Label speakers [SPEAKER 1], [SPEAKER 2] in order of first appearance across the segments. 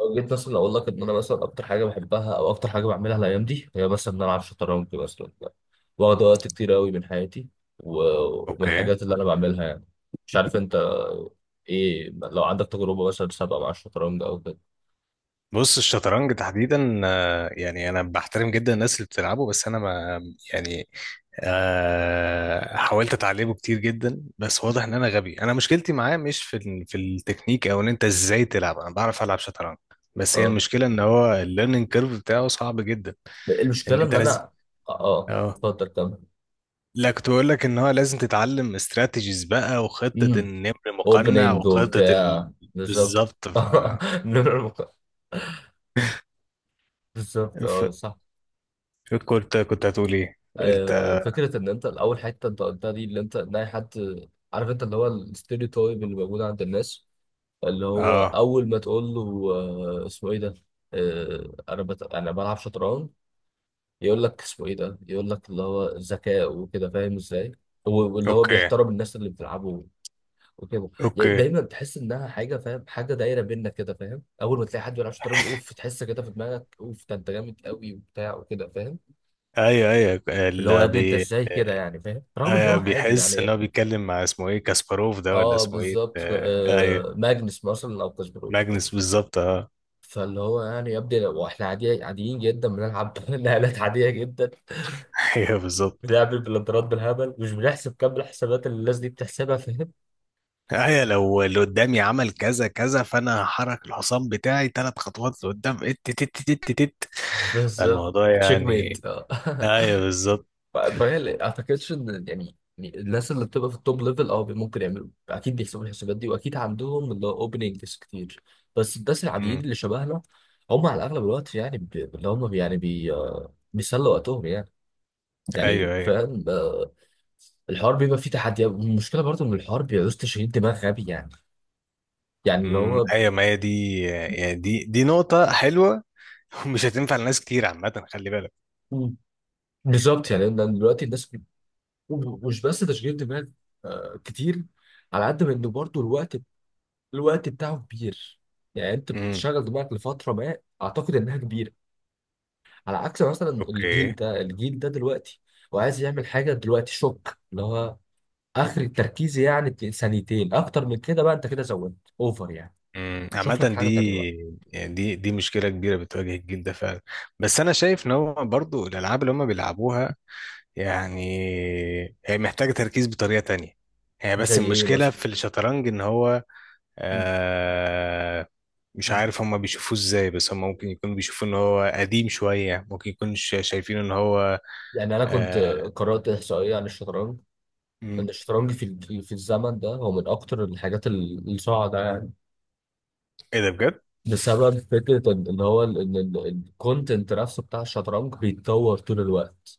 [SPEAKER 1] لو جيت مثلا اقول لك ان انا مثلا اكتر حاجه بحبها او اكتر حاجه بعملها الايام دي هي مثلا ان انا العب شطرنج مثلا، واخد وقت كتير قوي من حياتي. ومن
[SPEAKER 2] اوكي،
[SPEAKER 1] الحاجات اللي انا بعملها يعني. مش عارف انت، ايه لو عندك تجربه مثلا سابقه مع الشطرنج او كده؟
[SPEAKER 2] بص. الشطرنج تحديدا، يعني انا بحترم جدا الناس اللي بتلعبه، بس انا ما يعني حاولت اتعلمه كتير جدا، بس واضح ان انا غبي. انا مشكلتي معاه مش في التكنيك او ان انت ازاي تلعب، انا بعرف العب شطرنج. بس هي
[SPEAKER 1] اه،
[SPEAKER 2] المشكله ان هو الليرنينج كيرف بتاعه صعب جدا، ان
[SPEAKER 1] المشكله
[SPEAKER 2] انت
[SPEAKER 1] ان
[SPEAKER 2] لازم.
[SPEAKER 1] انا اه. آه،
[SPEAKER 2] اه،
[SPEAKER 1] اتفضل كمل.
[SPEAKER 2] لا، كنت بقول لك ان هو لازم تتعلم استراتيجيز بقى، وخطه
[SPEAKER 1] امم
[SPEAKER 2] النمر مقنع،
[SPEAKER 1] اوبننج
[SPEAKER 2] وخطه ال...
[SPEAKER 1] وبتاع بالظبط
[SPEAKER 2] بالظبط. ف...
[SPEAKER 1] نمرة مك- بالظبط
[SPEAKER 2] ف...
[SPEAKER 1] اه صح.
[SPEAKER 2] كنت هتقول ايه؟
[SPEAKER 1] فكره ان انت الاول، حته انت قلتها دي، اللي انت ناي حد. عارف انت، اللي هو الستيريوتايب اللي موجود عند الناس، اللي هو
[SPEAKER 2] اه.
[SPEAKER 1] اول ما تقول له اسمه ايه ده، انا بلعب شطرنج، يقول لك اسمه ايه ده، يقول لك اللي هو ذكاء وكده، فاهم ازاي. واللي هو
[SPEAKER 2] اوكي.
[SPEAKER 1] بيحترم الناس اللي بتلعبه وكده. يعني
[SPEAKER 2] اوكي.
[SPEAKER 1] دايما تحس انها حاجه، فاهم، حاجه دايره بينا كده فاهم. اول ما تلاقي حد بيلعب شطرنج، اوف، تحس كده في دماغك اوف، ده انت جامد قوي وبتاع وكده فاهم.
[SPEAKER 2] ايوه، ايوه.
[SPEAKER 1] اللي هو يا
[SPEAKER 2] اللي
[SPEAKER 1] ابني انت
[SPEAKER 2] بي
[SPEAKER 1] ازاي كده يعني فاهم، رغم ان هو
[SPEAKER 2] ايوه،
[SPEAKER 1] عادي
[SPEAKER 2] بيحس ان
[SPEAKER 1] يعني.
[SPEAKER 2] هو بيتكلم مع اسمه ايه كاسباروف ده، ولا
[SPEAKER 1] اه
[SPEAKER 2] اسمه ايه،
[SPEAKER 1] بالظبط آه،
[SPEAKER 2] ايوه.
[SPEAKER 1] ماجنس مثلا او كاسبروف عادي.
[SPEAKER 2] ماجنس بالظبط، اه.
[SPEAKER 1] فاللي هو يعني يا ابني لو احنا عادي، عاديين جدا بنلعب نقلات عاديه جدا،
[SPEAKER 2] ايوه، بالظبط.
[SPEAKER 1] بنلعب البلانترات بالهبل، مش بنحسب كم الحسابات اللي الناس دي بتحسبها، فاهم.
[SPEAKER 2] ايوه، لو اللي قدامي عمل كذا كذا فانا هحرك الحصان بتاعي ثلاث خطوات لقدام ات تت تت تت تت.
[SPEAKER 1] بالظبط،
[SPEAKER 2] الموضوع
[SPEAKER 1] تشيك ميت
[SPEAKER 2] يعني.
[SPEAKER 1] اه
[SPEAKER 2] ايوه، بالظبط.
[SPEAKER 1] فهي اعتقدش ان يعني الناس اللي بتبقى في التوب ليفل، اه ممكن يعملوا، اكيد بيحسبوا الحسابات دي واكيد عندهم اللي هو اوبننجز كتير. بس الناس العاديين
[SPEAKER 2] مم.
[SPEAKER 1] اللي شبهنا هم على اغلب الوقت يعني اللي هم يعني بي بيسلوا وقتهم يعني. يعني
[SPEAKER 2] ايوه، ايوه.
[SPEAKER 1] فاهم آه، الحوار بيبقى فيه تحديات. المشكله برضو ان الحوار بيعوز تشغيل دماغ غبي يعني، يعني اللي
[SPEAKER 2] مم.
[SPEAKER 1] هو.
[SPEAKER 2] ايوه، ما هي دي، يعني دي نقطة حلوة. ومش هتنفع لناس كتير عامة، خلي بالك.
[SPEAKER 1] مم. بالظبط يعني، لأن دلوقتي الناس مش بس تشغيل دماغ آه، كتير، على قد ما انه برضو الوقت، الوقت بتاعه كبير. يعني انت
[SPEAKER 2] امم.
[SPEAKER 1] بتشغل دماغك لفتره ما، اعتقد انها كبيره، على عكس مثلا الجيل
[SPEAKER 2] اوكي.
[SPEAKER 1] ده، الجيل ده دلوقتي وعايز يعمل حاجه دلوقتي، شوك، اللي هو اخر التركيز يعني ثانيتين، اكتر من كده بقى انت كده زودت اوفر يعني.
[SPEAKER 2] مم.
[SPEAKER 1] شوف لك
[SPEAKER 2] عامة دي،
[SPEAKER 1] حاجه تانيه بقى.
[SPEAKER 2] يعني دي مشكلة كبيرة بتواجه الجيل ده فعلا. بس أنا شايف إن هو برضو الألعاب اللي هم بيلعبوها، يعني هي محتاجة تركيز بطريقة تانية. هي
[SPEAKER 1] زي
[SPEAKER 2] بس
[SPEAKER 1] ايه
[SPEAKER 2] المشكلة
[SPEAKER 1] مثلا؟
[SPEAKER 2] في الشطرنج إن هو
[SPEAKER 1] م-
[SPEAKER 2] آه، مش
[SPEAKER 1] م.
[SPEAKER 2] عارف هم بيشوفوه إزاي، بس هم ممكن يكونوا بيشوفوه إن هو قديم شوية، ممكن يكونوا شايفين إن هو
[SPEAKER 1] يعني انا كنت
[SPEAKER 2] آه.
[SPEAKER 1] قرات احصائيه عن الشطرنج،
[SPEAKER 2] مم.
[SPEAKER 1] ان الشطرنج في في الزمن ده هو من اكتر الحاجات الصاعده يعني.
[SPEAKER 2] إيه ده بجد؟
[SPEAKER 1] بسبب فكرة إن هو الكونتنت نفسه بتاع الشطرنج بيتطور طول الوقت.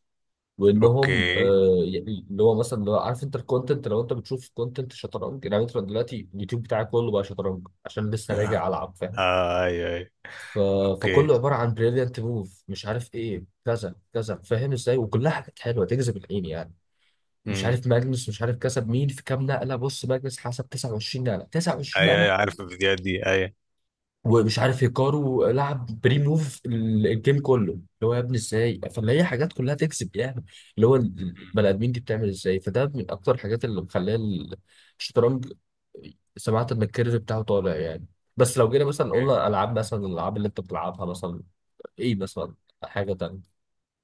[SPEAKER 1] وإنهم
[SPEAKER 2] أوكي.
[SPEAKER 1] آه يعني اللي هو مثلا اللي هو، عارف أنت الكونتنت، لو أنت بتشوف كونتنت شطرنج، يعني أنت دلوقتي اليوتيوب بتاعي كله بقى شطرنج عشان لسه
[SPEAKER 2] آه.
[SPEAKER 1] راجع ألعب، فاهم.
[SPEAKER 2] آه، أيوه أيوه.
[SPEAKER 1] ف...
[SPEAKER 2] أوكي.
[SPEAKER 1] فكله عبارة عن بريليانت موف مش عارف إيه كذا كذا، فاهم إزاي، وكلها حاجات حلوة تجذب العين يعني. مش
[SPEAKER 2] مم.
[SPEAKER 1] عارف ماجنس، مش عارف كسب مين في كام نقلة، بص ماجنس حسب 29 نقلة،
[SPEAKER 2] أيوه
[SPEAKER 1] 29.
[SPEAKER 2] أيوه، عارف الفيديوهات دي، أيوه.
[SPEAKER 1] ومش عارف هيكارو لعب بري موف الجيم كله، اللي هو يا ابني ازاي، فاللي هي حاجات كلها تكسب يعني، اللي هو
[SPEAKER 2] مم.
[SPEAKER 1] البني ادمين دي بتعمل ازاي. فده من اكتر الحاجات اللي مخليه الشطرنج، سمعت ان الكيرف بتاعه طالع يعني. بس لو جينا مثلا قلنا العاب، مثلا الالعاب اللي انت بتلعبها مثلا، ايه مثلا؟ حاجه تانية.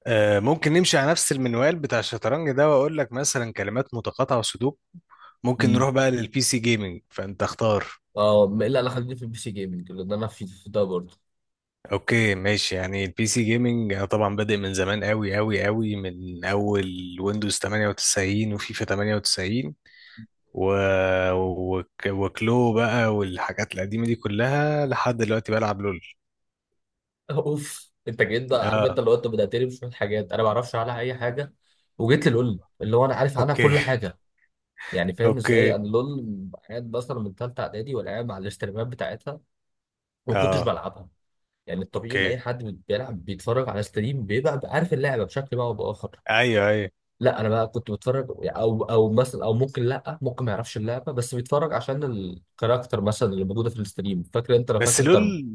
[SPEAKER 2] آه، ممكن نمشي على نفس المنوال بتاع الشطرنج ده، واقول لك مثلا كلمات متقاطعة وسودوك. ممكن
[SPEAKER 1] مم.
[SPEAKER 2] نروح بقى للبي سي جيمنج، فانت اختار.
[SPEAKER 1] اه، ما الا انا خليني في البي سي جيمنج لان انا في ده برضه.
[SPEAKER 2] اوكي، ماشي. يعني البي سي جيمنج انا طبعا بادئ من زمان قوي قوي قوي، من اول ويندوز 98 وفيفا 98 و... وكلو بقى، والحاجات القديمة دي كلها لحد دلوقتي بلعب لول.
[SPEAKER 1] اوف، انت جيت، ده عارف
[SPEAKER 2] اه.
[SPEAKER 1] انت، لو انت بدأتني بشويه حاجات انا ما اعرفش عنها اي حاجه، وجيت لي اللي هو انا عارف عنها
[SPEAKER 2] اوكي.
[SPEAKER 1] كل حاجه. يعني فاهم ازاي
[SPEAKER 2] اوكي.
[SPEAKER 1] انا، لول. قاعد مثلا من ثالثه اعدادي، ولا قاعد مع الاستريمات بتاعتها وما كنتش
[SPEAKER 2] اه.
[SPEAKER 1] بلعبها. يعني الطبيعي ان
[SPEAKER 2] اوكي.
[SPEAKER 1] اي حد بيلعب بيتفرج على ستريم بيبقى عارف اللعبه بشكل ما او باخر.
[SPEAKER 2] ايوه، ايوه،
[SPEAKER 1] لا انا بقى كنت بتفرج، او مثلا، او ممكن لا، ممكن ما يعرفش اللعبه بس بيتفرج عشان الكاركتر مثلا اللي موجوده في الستريم. فاكر انت، لو
[SPEAKER 2] بس
[SPEAKER 1] فاكر ترب،
[SPEAKER 2] لول.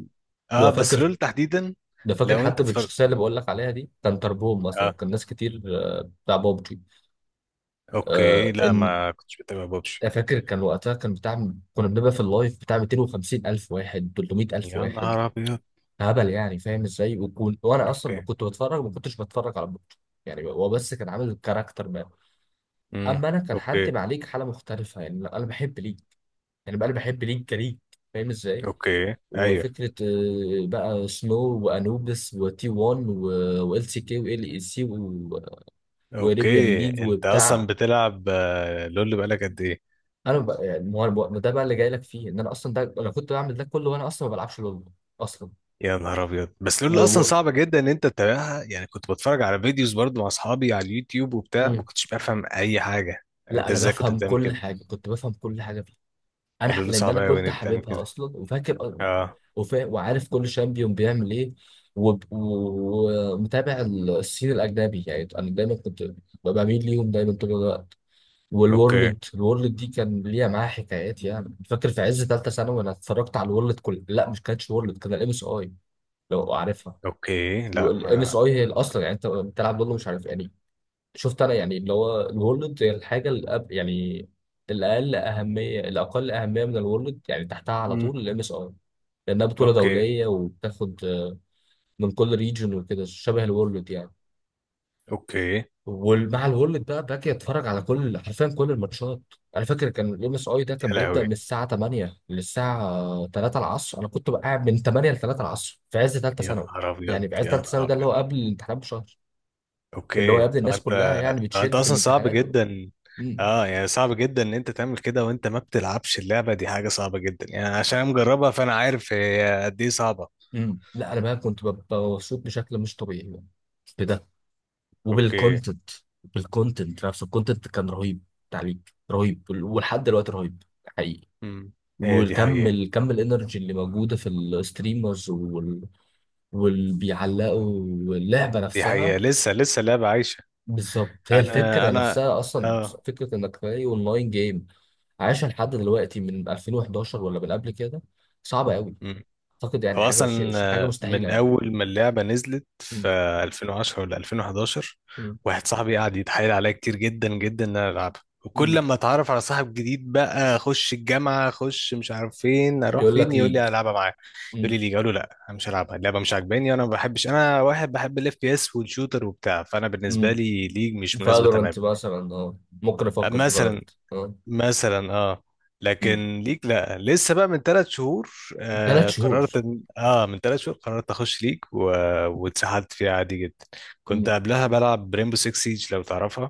[SPEAKER 2] اه،
[SPEAKER 1] لو
[SPEAKER 2] بس
[SPEAKER 1] فاكر
[SPEAKER 2] لول تحديدا.
[SPEAKER 1] لو فاكر
[SPEAKER 2] لو انت
[SPEAKER 1] حتى
[SPEAKER 2] اتفرج،
[SPEAKER 1] بالشخصيه اللي بقول لك عليها دي، كان تربوم مثلا،
[SPEAKER 2] اه.
[SPEAKER 1] كان ناس كتير آه، بتاع بابجي.
[SPEAKER 2] اوكي،
[SPEAKER 1] آه،
[SPEAKER 2] لا،
[SPEAKER 1] ان
[SPEAKER 2] ما كنتش بتابع بابجي.
[SPEAKER 1] أنا فاكر، كان وقتها كان بتاع، كنا بنبقى في اللايف بتاع 250 ألف واحد، 300 ألف
[SPEAKER 2] يا
[SPEAKER 1] واحد،
[SPEAKER 2] نهار ابيض.
[SPEAKER 1] هبل يعني فاهم ازاي. وكون، وأنا أصلا
[SPEAKER 2] اوكي.
[SPEAKER 1] كنت بتفرج، ما كنتش بتفرج على بطل، يعني هو بس كان عامل الكاركتر بقى.
[SPEAKER 2] امم.
[SPEAKER 1] أما أنا كان حالتي
[SPEAKER 2] اوكي.
[SPEAKER 1] مع ليك حالة مختلفة، يعني لا، أنا بحب ليك، يعني بقى أنا بحب ليك كليك، فاهم ازاي.
[SPEAKER 2] اوكي. ايوه.
[SPEAKER 1] وفكرة بقى سنو وأنوبس وتي 1 وال سي كي وال اي سي وريبيان
[SPEAKER 2] اوكي.
[SPEAKER 1] ليج
[SPEAKER 2] انت اصلا
[SPEAKER 1] وبتاع.
[SPEAKER 2] بتلعب آه، لول بقالك قد ايه؟
[SPEAKER 1] انا بقى يعني، ما هو ده بقى اللي جاي لك فيه، ان انا اصلا ده، انا كنت بعمل ده كله وانا اصلا ما بلعبش لول اصلا.
[SPEAKER 2] يا نهار ابيض. بس
[SPEAKER 1] و...
[SPEAKER 2] لول اصلا
[SPEAKER 1] و...
[SPEAKER 2] صعبه جدا ان انت تتابعها، يعني كنت بتفرج على فيديوز برضو مع اصحابي على اليوتيوب وبتاع،
[SPEAKER 1] مم.
[SPEAKER 2] ما كنتش بفهم اي حاجه.
[SPEAKER 1] لا
[SPEAKER 2] انت
[SPEAKER 1] انا
[SPEAKER 2] ازاي كنت
[SPEAKER 1] بفهم
[SPEAKER 2] بتعمل
[SPEAKER 1] كل
[SPEAKER 2] كده؟
[SPEAKER 1] حاجه، كنت بفهم كل حاجه فيه.
[SPEAKER 2] اللول
[SPEAKER 1] لان
[SPEAKER 2] صعب
[SPEAKER 1] انا
[SPEAKER 2] قوي ان
[SPEAKER 1] كنت
[SPEAKER 2] انت تعمل
[SPEAKER 1] حاببها
[SPEAKER 2] كده.
[SPEAKER 1] اصلا، وفاكر
[SPEAKER 2] اه.
[SPEAKER 1] وعارف كل شامبيون بيعمل ايه. ومتابع السين الاجنبي، يعني انا دايما كنت ببقى بميل ليهم دايما طول الوقت.
[SPEAKER 2] اوكي.
[SPEAKER 1] الورلد دي كان ليها معاها حكايات، يعني فاكر في عز ثالثه ثانوي انا اتفرجت على الورلد كل، لا مش كانتش وورلد، كان الام اس اي، لو عارفها.
[SPEAKER 2] اوكي. لا،
[SPEAKER 1] الام اس
[SPEAKER 2] ما.
[SPEAKER 1] اي هي الاصلا، يعني انت بتلعب ضده، مش عارف يعني. شفت انا، يعني اللي هو الورلد هي الحاجه الأب يعني، الاقل اهميه، الاقل اهميه من الورلد يعني تحتها على
[SPEAKER 2] مم.
[SPEAKER 1] طول الام اس اي، لانها بطوله
[SPEAKER 2] اوكي.
[SPEAKER 1] دوليه وبتاخد من كل ريجن وكده، شبه الورلد يعني.
[SPEAKER 2] اوكي. يا
[SPEAKER 1] ومع الورلد بقى باجي اتفرج على كل، حرفيا كل الماتشات. انا فاكر كان الام اس اي ده كان بيبدا
[SPEAKER 2] لهوي،
[SPEAKER 1] من الساعه 8 للساعه 3 العصر، انا كنت بقى قاعد من 8 ل 3 العصر في عز ثالثه
[SPEAKER 2] يا
[SPEAKER 1] ثانوي.
[SPEAKER 2] نهار ابيض،
[SPEAKER 1] يعني في عز
[SPEAKER 2] يا
[SPEAKER 1] ثالثه
[SPEAKER 2] نهار
[SPEAKER 1] ثانوي ده اللي
[SPEAKER 2] ابيض.
[SPEAKER 1] هو قبل الامتحانات بشهر، اللي هو
[SPEAKER 2] اوكي.
[SPEAKER 1] يا ابني
[SPEAKER 2] هو
[SPEAKER 1] الناس
[SPEAKER 2] انت.
[SPEAKER 1] كلها يعني
[SPEAKER 2] هو انت
[SPEAKER 1] بتشد في
[SPEAKER 2] اصلا صعب
[SPEAKER 1] الامتحانات
[SPEAKER 2] جدا.
[SPEAKER 1] مم.
[SPEAKER 2] اه، يعني صعب جدا ان انت تعمل كده وانت ما بتلعبش اللعبه دي، حاجه صعبه جدا يعني،
[SPEAKER 1] ص-
[SPEAKER 2] عشان أنا مجربها فانا عارف هي قد ايه صعبه.
[SPEAKER 1] مم. لا انا بقى كنت ببقى مبسوط بشكل مش طبيعي بقى. بده.
[SPEAKER 2] اوكي.
[SPEAKER 1] وبالكونتنت بالكونتنت نفسه، الكونتنت كان رهيب، تعليق رهيب، ولحد دلوقتي رهيب حقيقي.
[SPEAKER 2] امم. هي دي
[SPEAKER 1] والكم
[SPEAKER 2] حقيقه.
[SPEAKER 1] الكم الانرجي اللي موجوده في الستريمرز واللي بيعلقوا، اللعبه
[SPEAKER 2] دي حقيقه،
[SPEAKER 1] نفسها.
[SPEAKER 2] لسه لسه اللعبه عايشه.
[SPEAKER 1] بالظبط هي
[SPEAKER 2] انا
[SPEAKER 1] الفكره
[SPEAKER 2] انا
[SPEAKER 1] نفسها اصلا،
[SPEAKER 2] اه.
[SPEAKER 1] فكره انك تلاقي اونلاين جيم عايشه لحد دلوقتي من 2011 ولا من قبل كده، صعبه قوي، اعتقد
[SPEAKER 2] هو
[SPEAKER 1] يعني حاجه
[SPEAKER 2] اصلا
[SPEAKER 1] حاجه مستحيله
[SPEAKER 2] من
[SPEAKER 1] يعني.
[SPEAKER 2] اول ما اللعبه نزلت في
[SPEAKER 1] مم.
[SPEAKER 2] 2010 ولا 2011،
[SPEAKER 1] مم.
[SPEAKER 2] واحد صاحبي قعد يتحايل عليا كتير جدا جدا ان انا العبها، وكل
[SPEAKER 1] مم.
[SPEAKER 2] لما اتعرف على صاحب جديد بقى اخش الجامعه اخش مش عارف فين اروح
[SPEAKER 1] يقول
[SPEAKER 2] فين
[SPEAKER 1] لك
[SPEAKER 2] يقول
[SPEAKER 1] ليج.
[SPEAKER 2] لي العبها معاه. يقول لي
[SPEAKER 1] مم.
[SPEAKER 2] ليه، اقول له لا انا مش هلعبها، اللعبه مش عاجباني، انا ما بحبش، انا واحد بحب الاف بي اس والشوتر وبتاع، فانا بالنسبه
[SPEAKER 1] مم.
[SPEAKER 2] لي ليج مش مناسبه تمام.
[SPEAKER 1] فالورانت مثلا، اه ممكن افكر في
[SPEAKER 2] مثلا.
[SPEAKER 1] فالورانت، اه.
[SPEAKER 2] مثلا، اه.
[SPEAKER 1] مم.
[SPEAKER 2] لكن ليك لا، لسه بقى من 3 شهور.
[SPEAKER 1] ثلاث
[SPEAKER 2] آه،
[SPEAKER 1] شهور
[SPEAKER 2] قررت إن- اه من 3 شهور قررت اخش ليج و... واتسحلت فيها عادي جدا. كنت
[SPEAKER 1] مم.
[SPEAKER 2] قبلها بلعب ريمبو 6 سيج، لو تعرفها.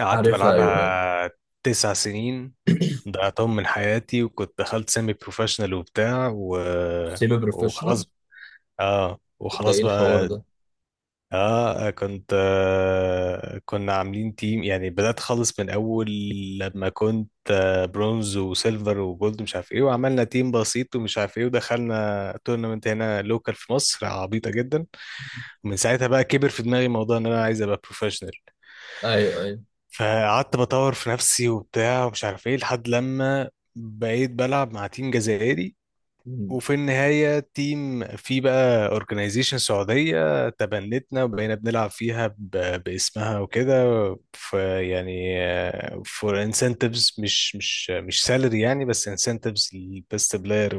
[SPEAKER 2] قعدت
[SPEAKER 1] عارفها، ايوه ايوه.
[SPEAKER 2] بلعبها 9 سنين ضيعتهم من حياتي، وكنت دخلت سيمي بروفيشنال وبتاع و...
[SPEAKER 1] سيمي بروفيشنال،
[SPEAKER 2] وخلاص. اه،
[SPEAKER 1] ده
[SPEAKER 2] وخلاص
[SPEAKER 1] ايه الحوار
[SPEAKER 2] بقى.
[SPEAKER 1] ده؟
[SPEAKER 2] اه، آه، كنت آه كنا عاملين تيم، يعني بدأت خالص من اول، لما كنت برونز وسيلفر وجولد مش عارف ايه، وعملنا تيم بسيط ومش عارف ايه ودخلنا تورنمنت هنا لوكال في مصر عبيطة جدا. ومن ساعتها بقى كبر في دماغي موضوع ان انا عايز ابقى بروفيشنال،
[SPEAKER 1] ايوه ايوه.
[SPEAKER 2] فقعدت بطور في نفسي وبتاع ومش عارف ايه، لحد لما بقيت بلعب مع تيم جزائري.
[SPEAKER 1] مم.
[SPEAKER 2] وفي النهاية تيم، في بقى اورجنايزيشن سعودية تبنتنا، وبقينا بنلعب فيها باسمها وكده. فيعني، فور انسنتفز، مش سالري يعني، بس انسنتفز للبيست بلاير،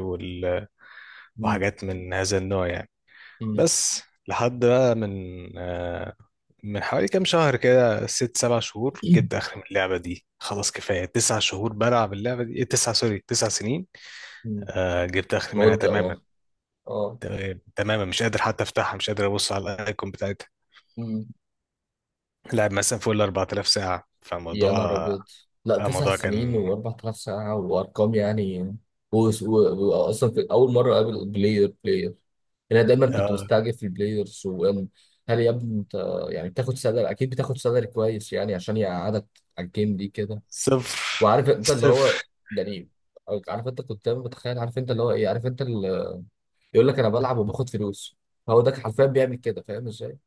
[SPEAKER 1] مم.
[SPEAKER 2] وحاجات من هذا النوع يعني.
[SPEAKER 1] مم.
[SPEAKER 2] بس لحد بقى من آه، من حوالي كام شهر كده، 6 7 شهور، جبت اخر من اللعبة دي، خلاص كفاية، 9 شهور بلعب اللعبة دي إيه، تسع سوري، 9 سنين.
[SPEAKER 1] مم.
[SPEAKER 2] جبت اخر منها
[SPEAKER 1] مده،
[SPEAKER 2] تماما،
[SPEAKER 1] اه. اه،
[SPEAKER 2] تماما مش قادر حتى افتحها، مش قادر ابص على الايكون بتاعتها. لعب مثلا فوق ال 4000 ساعه،
[SPEAKER 1] يا نهار
[SPEAKER 2] فموضوع
[SPEAKER 1] أبيض. لا،
[SPEAKER 2] آه،
[SPEAKER 1] تسع
[SPEAKER 2] موضوع
[SPEAKER 1] سنين
[SPEAKER 2] كان
[SPEAKER 1] و4000 ساعة وأرقام يعني. وأصلا في أول مرة أقابل بلاير، أنا دايما كنت
[SPEAKER 2] آه
[SPEAKER 1] مستعجب في البلايرز، وهل يا ابني أنت يعني بتاخد سالري، أكيد بتاخد سالري كويس يعني عشان يقعدك على الجيم دي كده.
[SPEAKER 2] صفر
[SPEAKER 1] وعارف أنت اللي هو،
[SPEAKER 2] صفر.
[SPEAKER 1] يعني عارف أنت كنت دايما بتخيل، عارف أنت اللي هو إيه، عارف أنت اللي يقول لك أنا بلعب وباخد فلوس، هو ده حرفيا بيعمل كده، فاهم إزاي؟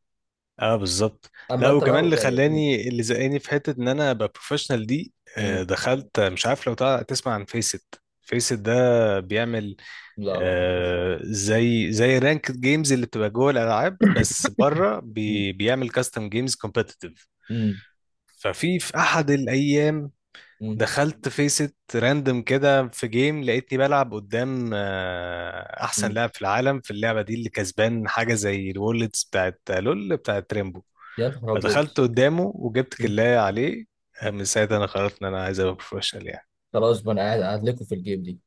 [SPEAKER 2] اه، بالظبط.
[SPEAKER 1] أما
[SPEAKER 2] لا،
[SPEAKER 1] أنت
[SPEAKER 2] وكمان
[SPEAKER 1] بقى
[SPEAKER 2] اللي
[SPEAKER 1] يعني، مم،
[SPEAKER 2] خلاني، اللي زقاني في حته ان انا ابقى بروفيشنال دي،
[SPEAKER 1] مم،
[SPEAKER 2] آه دخلت مش عارف لو تسمع عن فيسد. فيسد ده بيعمل
[SPEAKER 1] لا لا ما فيهوش.
[SPEAKER 2] آه، زي رانك جيمز اللي بتبقى جوه الالعاب، بس بره
[SPEAKER 1] مم،
[SPEAKER 2] بيعمل كاستم جيمز كومبتيتيف.
[SPEAKER 1] مم،
[SPEAKER 2] ففي احد الايام
[SPEAKER 1] مم،
[SPEAKER 2] دخلت فيست راندم كده في جيم، لقيتني بلعب قدام آه، احسن
[SPEAKER 1] مم.
[SPEAKER 2] لاعب في العالم في اللعبه دي، اللي كسبان حاجه زي الوورلدز بتاعت لول بتاعت ريمبو.
[SPEAKER 1] يا نهار ابيض.
[SPEAKER 2] فدخلت قدامه وجبت
[SPEAKER 1] مم.
[SPEAKER 2] كلاية عليه. آه، من ساعتها انا قررت ان انا عايز ابقى بروفيشنال يعني.
[SPEAKER 1] خلاص بقى انا قاعد قاعد لكم في الجيم دي.